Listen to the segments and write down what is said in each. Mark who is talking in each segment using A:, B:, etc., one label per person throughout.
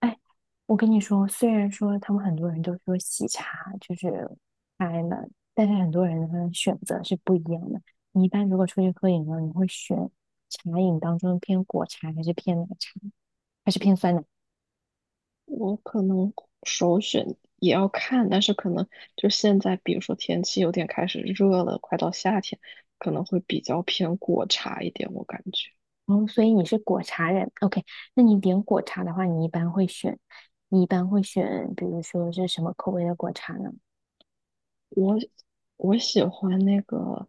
A: 哎，我跟你说，虽然说他们很多人都说喜茶就是开了，但是很多人的选择是不一样的。你一般如果出去喝饮料，你会选茶饮当中偏果茶还是偏奶茶，还是偏酸奶？
B: 我可能首选也要看，但是可能就现在，比如说天气有点开始热了，快到夏天，可能会比较偏果茶一点。我感觉
A: 哦，所以你是果茶人。OK，那你点果茶的话，你一般会选，比如说是什么口味的果茶呢？
B: 我我喜欢那个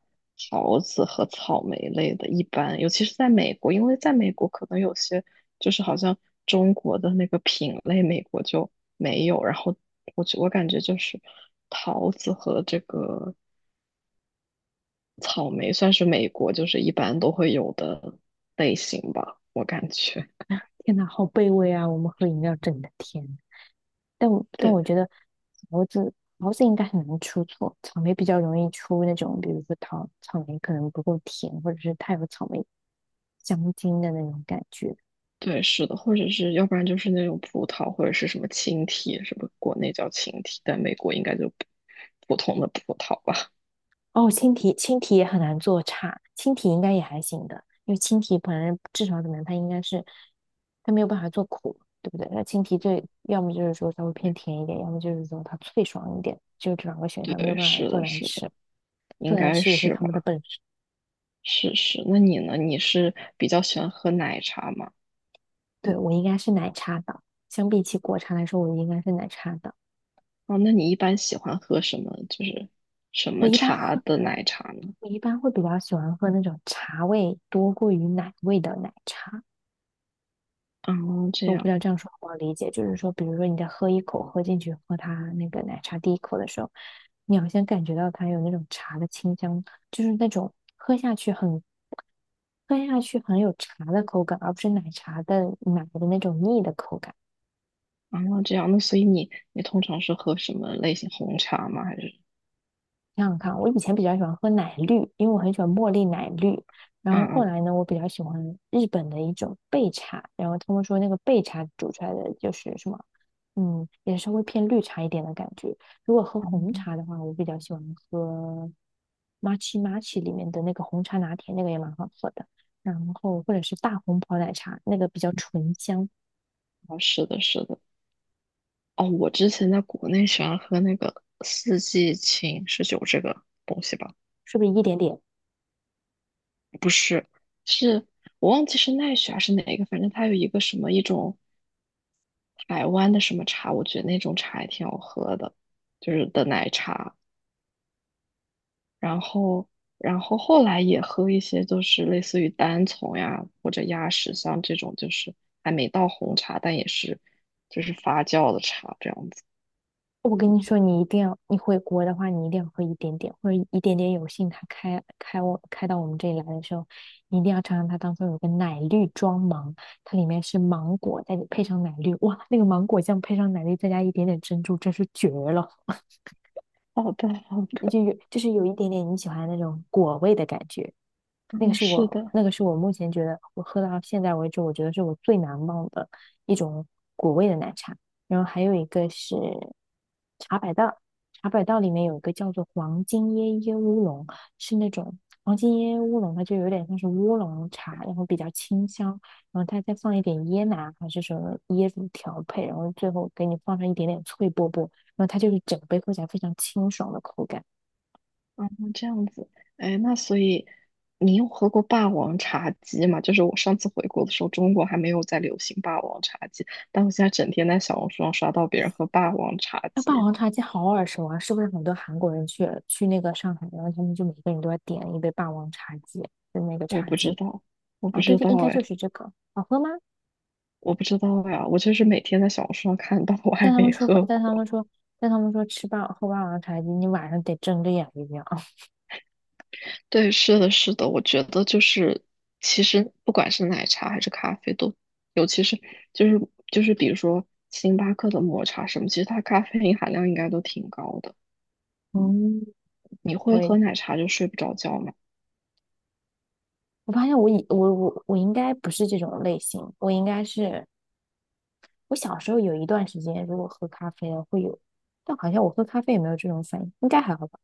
B: 桃子和草莓类的，一般，尤其是在美国，因为在美国可能有些就是好像中国的那个品类，美国就没有。然后我感觉就是桃子和这个。草莓算是美国就是一般都会有的类型吧，我感觉。
A: 天呐，好卑微啊！我们喝饮料整的天。但我
B: 对
A: 觉得桃子桃子应该很难出错，草莓比较容易出那种，比如说桃草莓可能不够甜，或者是太有草莓香精的那种感觉。
B: 对，是的，或者是要不然就是那种葡萄，或者是什么青提，什么国内叫青提，但美国应该就普通的葡萄吧。
A: 哦，青提也很难做差，青提应该也还行的，因为青提本来至少怎么样，它应该是它没有办法做苦，对不对？那青提最要么就是说稍微偏甜一点，要么就是说它脆爽一点，就这两个 选项没有
B: 对，
A: 办法
B: 是
A: 做
B: 的，
A: 难
B: 是的，
A: 吃，做
B: 应
A: 难
B: 该
A: 吃也是
B: 是
A: 他们的
B: 吧？
A: 本事。
B: 是是。那你呢？你是比较喜欢喝奶茶吗？
A: 对，我应该是奶茶党，相比起果茶来说，我应该是奶茶党。
B: 哦，那你一般喜欢喝什么？就是什
A: 我
B: 么
A: 一般
B: 茶
A: 喝，
B: 的奶茶呢？
A: 我一般会比较喜欢喝那种茶味多过于奶味的奶茶。
B: 哦，这
A: 我不知
B: 样。
A: 道这样说好不好理解，就是说，比如说你在喝一口喝进去，喝它那个奶茶第一口的时候，你好像感觉到它有那种茶的清香，就是那种喝下去很有茶的口感，而不是奶茶的奶的那种腻的口感。
B: 啊，这样，那所以你通常是喝什么类型红茶吗？还是
A: 想想看，我以前比较喜欢喝奶绿，因为我很喜欢茉莉奶绿。然
B: 嗯
A: 后后
B: 嗯
A: 来呢，我比较喜欢日本的一种焙茶，然后他们说那个焙茶煮出来的就是什么，也稍微偏绿茶一点的感觉。如果喝红
B: 嗯，
A: 茶的话，我比较喜欢喝 matcha 里面的那个红茶拿铁，那个也蛮好喝的。然后或者是大红袍奶茶，那个比较醇香，
B: 哦，是的，是的。哦，我之前在国内喜欢喝那个四季青是有这个东西吧？
A: 是不是一点点？
B: 不是，是我忘记是奈雪还是哪一个，反正它有一个什么一种台湾的什么茶，我觉得那种茶也挺好喝的，就是的奶茶。然后，然后后来也喝一些，就是类似于单丛呀或者鸭屎香这种，就是还没到红茶，但也是就是发酵的茶这样子。
A: 我跟你说，你一定要，你回国的话，你一定要喝一点点，或者一点点有幸它开我开到我们这里来的时候，你一定要尝尝它当中有个奶绿装芒，它里面是芒果，再配上奶绿，哇，那个芒果酱配上奶绿，再加一点点珍珠，真是绝了！
B: 好的，好
A: 就
B: 的，
A: 有就是有一点点你喜欢的那种果味的感觉。
B: 嗯是的，
A: 那个是我目前觉得我喝到现在为止，我觉得是我最难忘的一种果味的奶茶。然后还有一个是茶百道，茶百道里面有一个叫做黄金椰椰乌龙，是那种黄金椰椰乌龙，它就有点像是乌龙茶，然后比较清香，然后它再放一点椰奶还是什么椰子调配，然后最后给你放上一点点脆波波，然后它就是整杯喝起来非常清爽的口感。
B: 嗯，这样子。哎，那所以你有喝过霸王茶姬吗？就是我上次回国的时候，中国还没有在流行霸王茶姬，但我现在整天在小红书上刷到别人喝霸王茶
A: 那霸
B: 姬，
A: 王茶姬好耳熟啊，是不是很多韩国人去那个上海，然后他们就每个人都要点一杯霸王茶姬，就那个
B: 我
A: 茶
B: 不知
A: 姬。
B: 道，我不
A: 哦，对
B: 知
A: 对，
B: 道
A: 应该
B: 哎。
A: 就是这个。好喝吗？
B: 我不知道呀，我就是每天在小红书上看到，我还
A: 但他
B: 没
A: 们说
B: 喝
A: 但他
B: 过。
A: 们说，但他们说喝霸王茶姬，你晚上得睁着眼睛啊。
B: 对，是的，是的，我觉得就是，其实不管是奶茶还是咖啡都，尤其是就是就是比如说星巴克的抹茶什么，其实它咖啡因含量应该都挺高的。
A: 嗯，
B: 你
A: 我
B: 会
A: 也
B: 喝奶茶就睡不着觉嘛？
A: 我发现我以我我我应该不是这种类型，我应该是我小时候有一段时间，如果喝咖啡了会有，但好像我喝咖啡也没有这种反应，应该还好吧。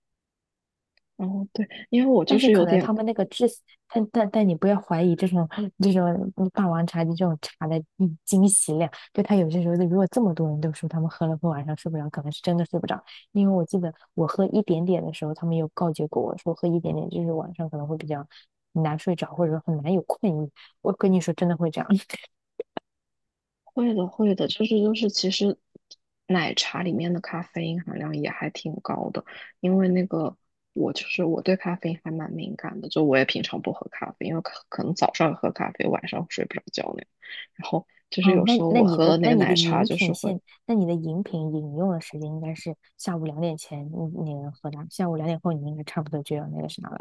B: 然后对，因为我
A: 但
B: 就
A: 是
B: 是
A: 可
B: 有
A: 能
B: 点
A: 他们那个制，但你不要怀疑这种霸王茶姬这种茶的惊喜量，就他有些时候，如果这么多人都说他们喝了会晚上睡不着，可能是真的睡不着。因为我记得我喝一点点的时候，他们有告诫过我说喝一点点就是晚上可能会比较难睡着，或者说很难有困意。我跟你说，真的会这样。
B: 会的，会的，就是就是，其实奶茶里面的咖啡因含量也还挺高的，因为那个我就是我对咖啡因还蛮敏感的，就我也平常不喝咖啡，因为可能早上喝咖啡，晚上睡不着觉那样。然后就是
A: 哦，
B: 有时候我喝了那个奶茶，就是会
A: 那你的饮品饮用的时间应该是下午两点前你你能喝到，下午两点后你应该差不多就要那个啥了。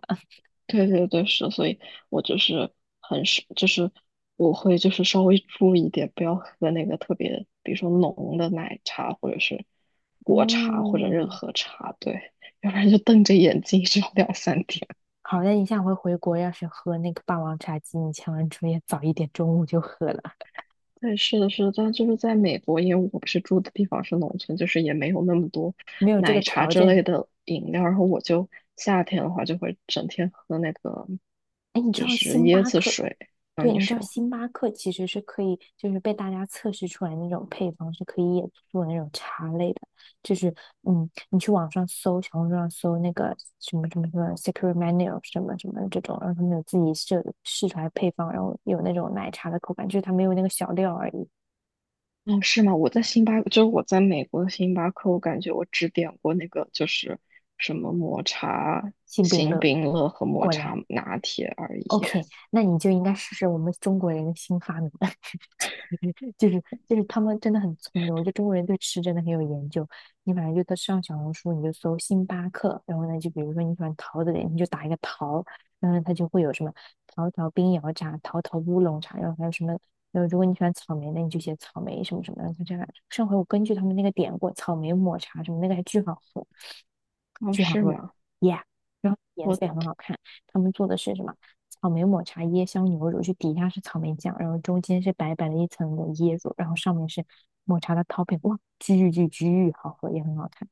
B: 对对对，是，所以我就是很是，就是我会就是稍微注意一点，不要喝那个特别，比如说浓的奶茶或者是果茶或者任
A: 嗯，
B: 何茶，对，要不然就瞪着眼睛有两三天。
A: 好的，你下回回国要是喝那个霸王茶姬，你千万注意早一点，中午就喝了，
B: 对，是的，是的，但就是在美国，因为我不是住的地方是农村，就是也没有那么多
A: 没有这个
B: 奶茶
A: 条
B: 之类
A: 件。
B: 的饮料，然后我就夏天的话就会整天喝那个
A: 哎，你知
B: 就
A: 道
B: 是
A: 星
B: 椰
A: 巴
B: 子
A: 克？
B: 水。啊，
A: 对，
B: 你
A: 你知道
B: 说。
A: 星巴克其实是可以，就是被大家测试出来那种配方是可以也做那种茶类的，就是你去网上搜，小红书上搜那个什么什么什么 Secret MANU 什么什么这种，然后他们有自己设试出来配方，然后有那种奶茶的口感，就是它没有那个小料而已。
B: 哦，是吗？我在星巴克就是我在美国的星巴克，我感觉我只点过那个就是什么抹茶
A: 幸饼
B: 星
A: 乐，
B: 冰乐和抹
A: 果
B: 茶
A: 然。
B: 拿铁而已。
A: OK，那你就应该试试我们中国人的新发明，就是就是他们真的很聪明，我觉得中国人对吃真的很有研究。你反正就在上小红书，你就搜星巴克，然后呢，就比如说你喜欢桃子的，你就打一个桃，然后它就会有什么桃桃冰摇茶、桃桃乌龙茶，然后还有什么，然后如果你喜欢草莓的，你就写草莓什么什么的，就这样。上回我根据他们那个点过草莓抹茶什么，那个还巨好喝，
B: 哦，
A: 巨好
B: 是
A: 喝
B: 吗？
A: ，yeah，然后颜色也
B: 我
A: 很好看。他们做的是什么？草莓抹茶椰香牛乳，就底下是草莓酱，然后中间是白白的一层的椰乳，然后上面是抹茶的 topping，哇，巨巨巨好喝，也很好看。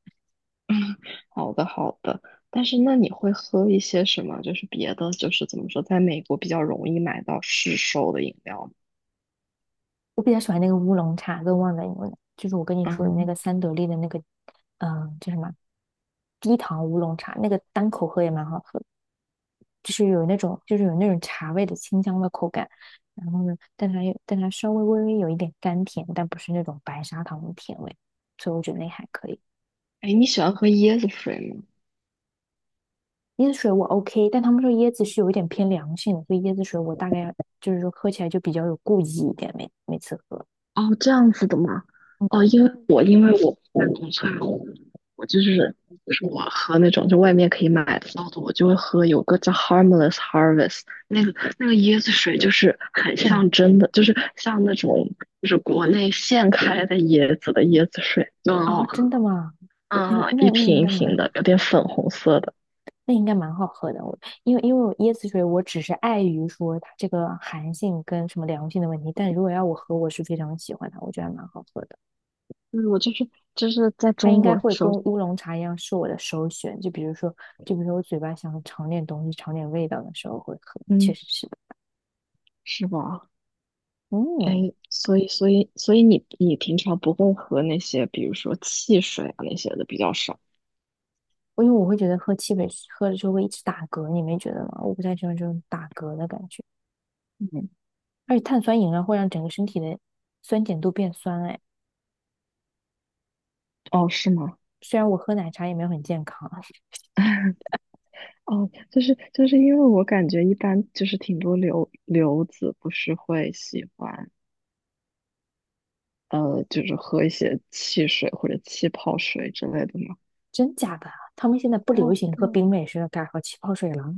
B: 好的好的，但是那你会喝一些什么？就是别的，就是怎么说，在美国比较容易买到市售的饮料吗
A: 我比较喜欢那个乌龙茶跟旺仔牛奶，就是我跟你说的那
B: 嗯，
A: 个三得利的那个，叫什么低糖乌龙茶，那个单口喝也蛮好喝的就是有那种茶味的清香的口感。然后呢，但它稍微微微有一点甘甜，但不是那种白砂糖的甜味，所以我觉得那还可以。
B: 哎，你喜欢喝椰子水吗？
A: 椰子水我 OK，但他们说椰子是有一点偏凉性的，所以椰子水我大概就是说喝起来就比较有顾忌一点，每次喝。
B: 哦，这样子的吗？
A: 嗯，
B: 哦，因为我不在农村，我就是就是我喝那种就外面可以买得到的，我就会喝有个叫 Harmless Harvest 那个那个椰子水，就是很
A: 很
B: 像真的，就是像那种就是国内现开的椰子的椰子水，就很好
A: 啊，真
B: 喝。
A: 的吗？嗯，
B: 嗯，一瓶一瓶的，有点粉红色的。
A: 那应该蛮好喝的。我因为因为我椰子水我只是碍于说它这个寒性跟什么凉性的问题，但如果要我喝，我是非常喜欢它，我觉得还蛮好喝的。
B: 嗯，我就是就是在
A: 它
B: 中
A: 应该
B: 国的
A: 会
B: 时
A: 跟
B: 候，
A: 乌龙茶一样是我的首选，就比如说我嘴巴想尝点东西、尝点味道的时候会喝，确
B: 嗯，
A: 实是的。
B: 是吧？哎，
A: 嗯。
B: 所以你平常不会喝那些，比如说汽水啊那些的比较少。
A: 因为我会觉得喝汽水喝了之后会一直打嗝，你没觉得吗？我不太喜欢这种打嗝的感觉，
B: 嗯，
A: 而且碳酸饮料会让整个身体的酸碱度变酸。哎，
B: 哦，是吗？
A: 虽然我喝奶茶也没有很健康，
B: 哦，就是就是因为我感觉一般就是挺多留子不是会喜欢就是喝一些汽水或者气泡水之类的吗？
A: 真假的？他们现在不
B: 啊，
A: 流行
B: 对，
A: 喝冰美式了，改喝气泡水了。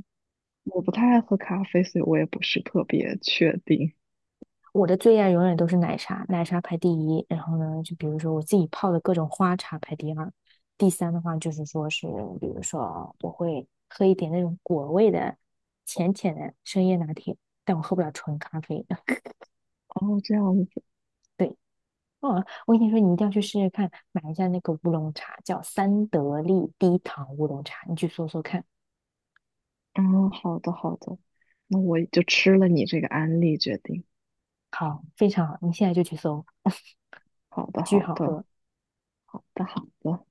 B: 我不太爱喝咖啡，所以我也不是特别确定。
A: 我的最爱永远都是奶茶，奶茶排第一。然后呢，就比如说我自己泡的各种花茶排第二，第三的话就是说是，比如说我会喝一点那种果味的浅浅的深夜拿铁，但我喝不了纯咖啡。
B: 哦，这样子，
A: 对，哦，我跟你说，你一定要去试试看，买一下那个乌龙茶，叫三得利低糖乌龙茶，你去搜搜看。
B: 嗯，好的好的，那我就吃了你这个安利决定。
A: 好，非常好，你现在就去搜，
B: 好的
A: 巨
B: 好
A: 好
B: 的
A: 喝。
B: 好的好的。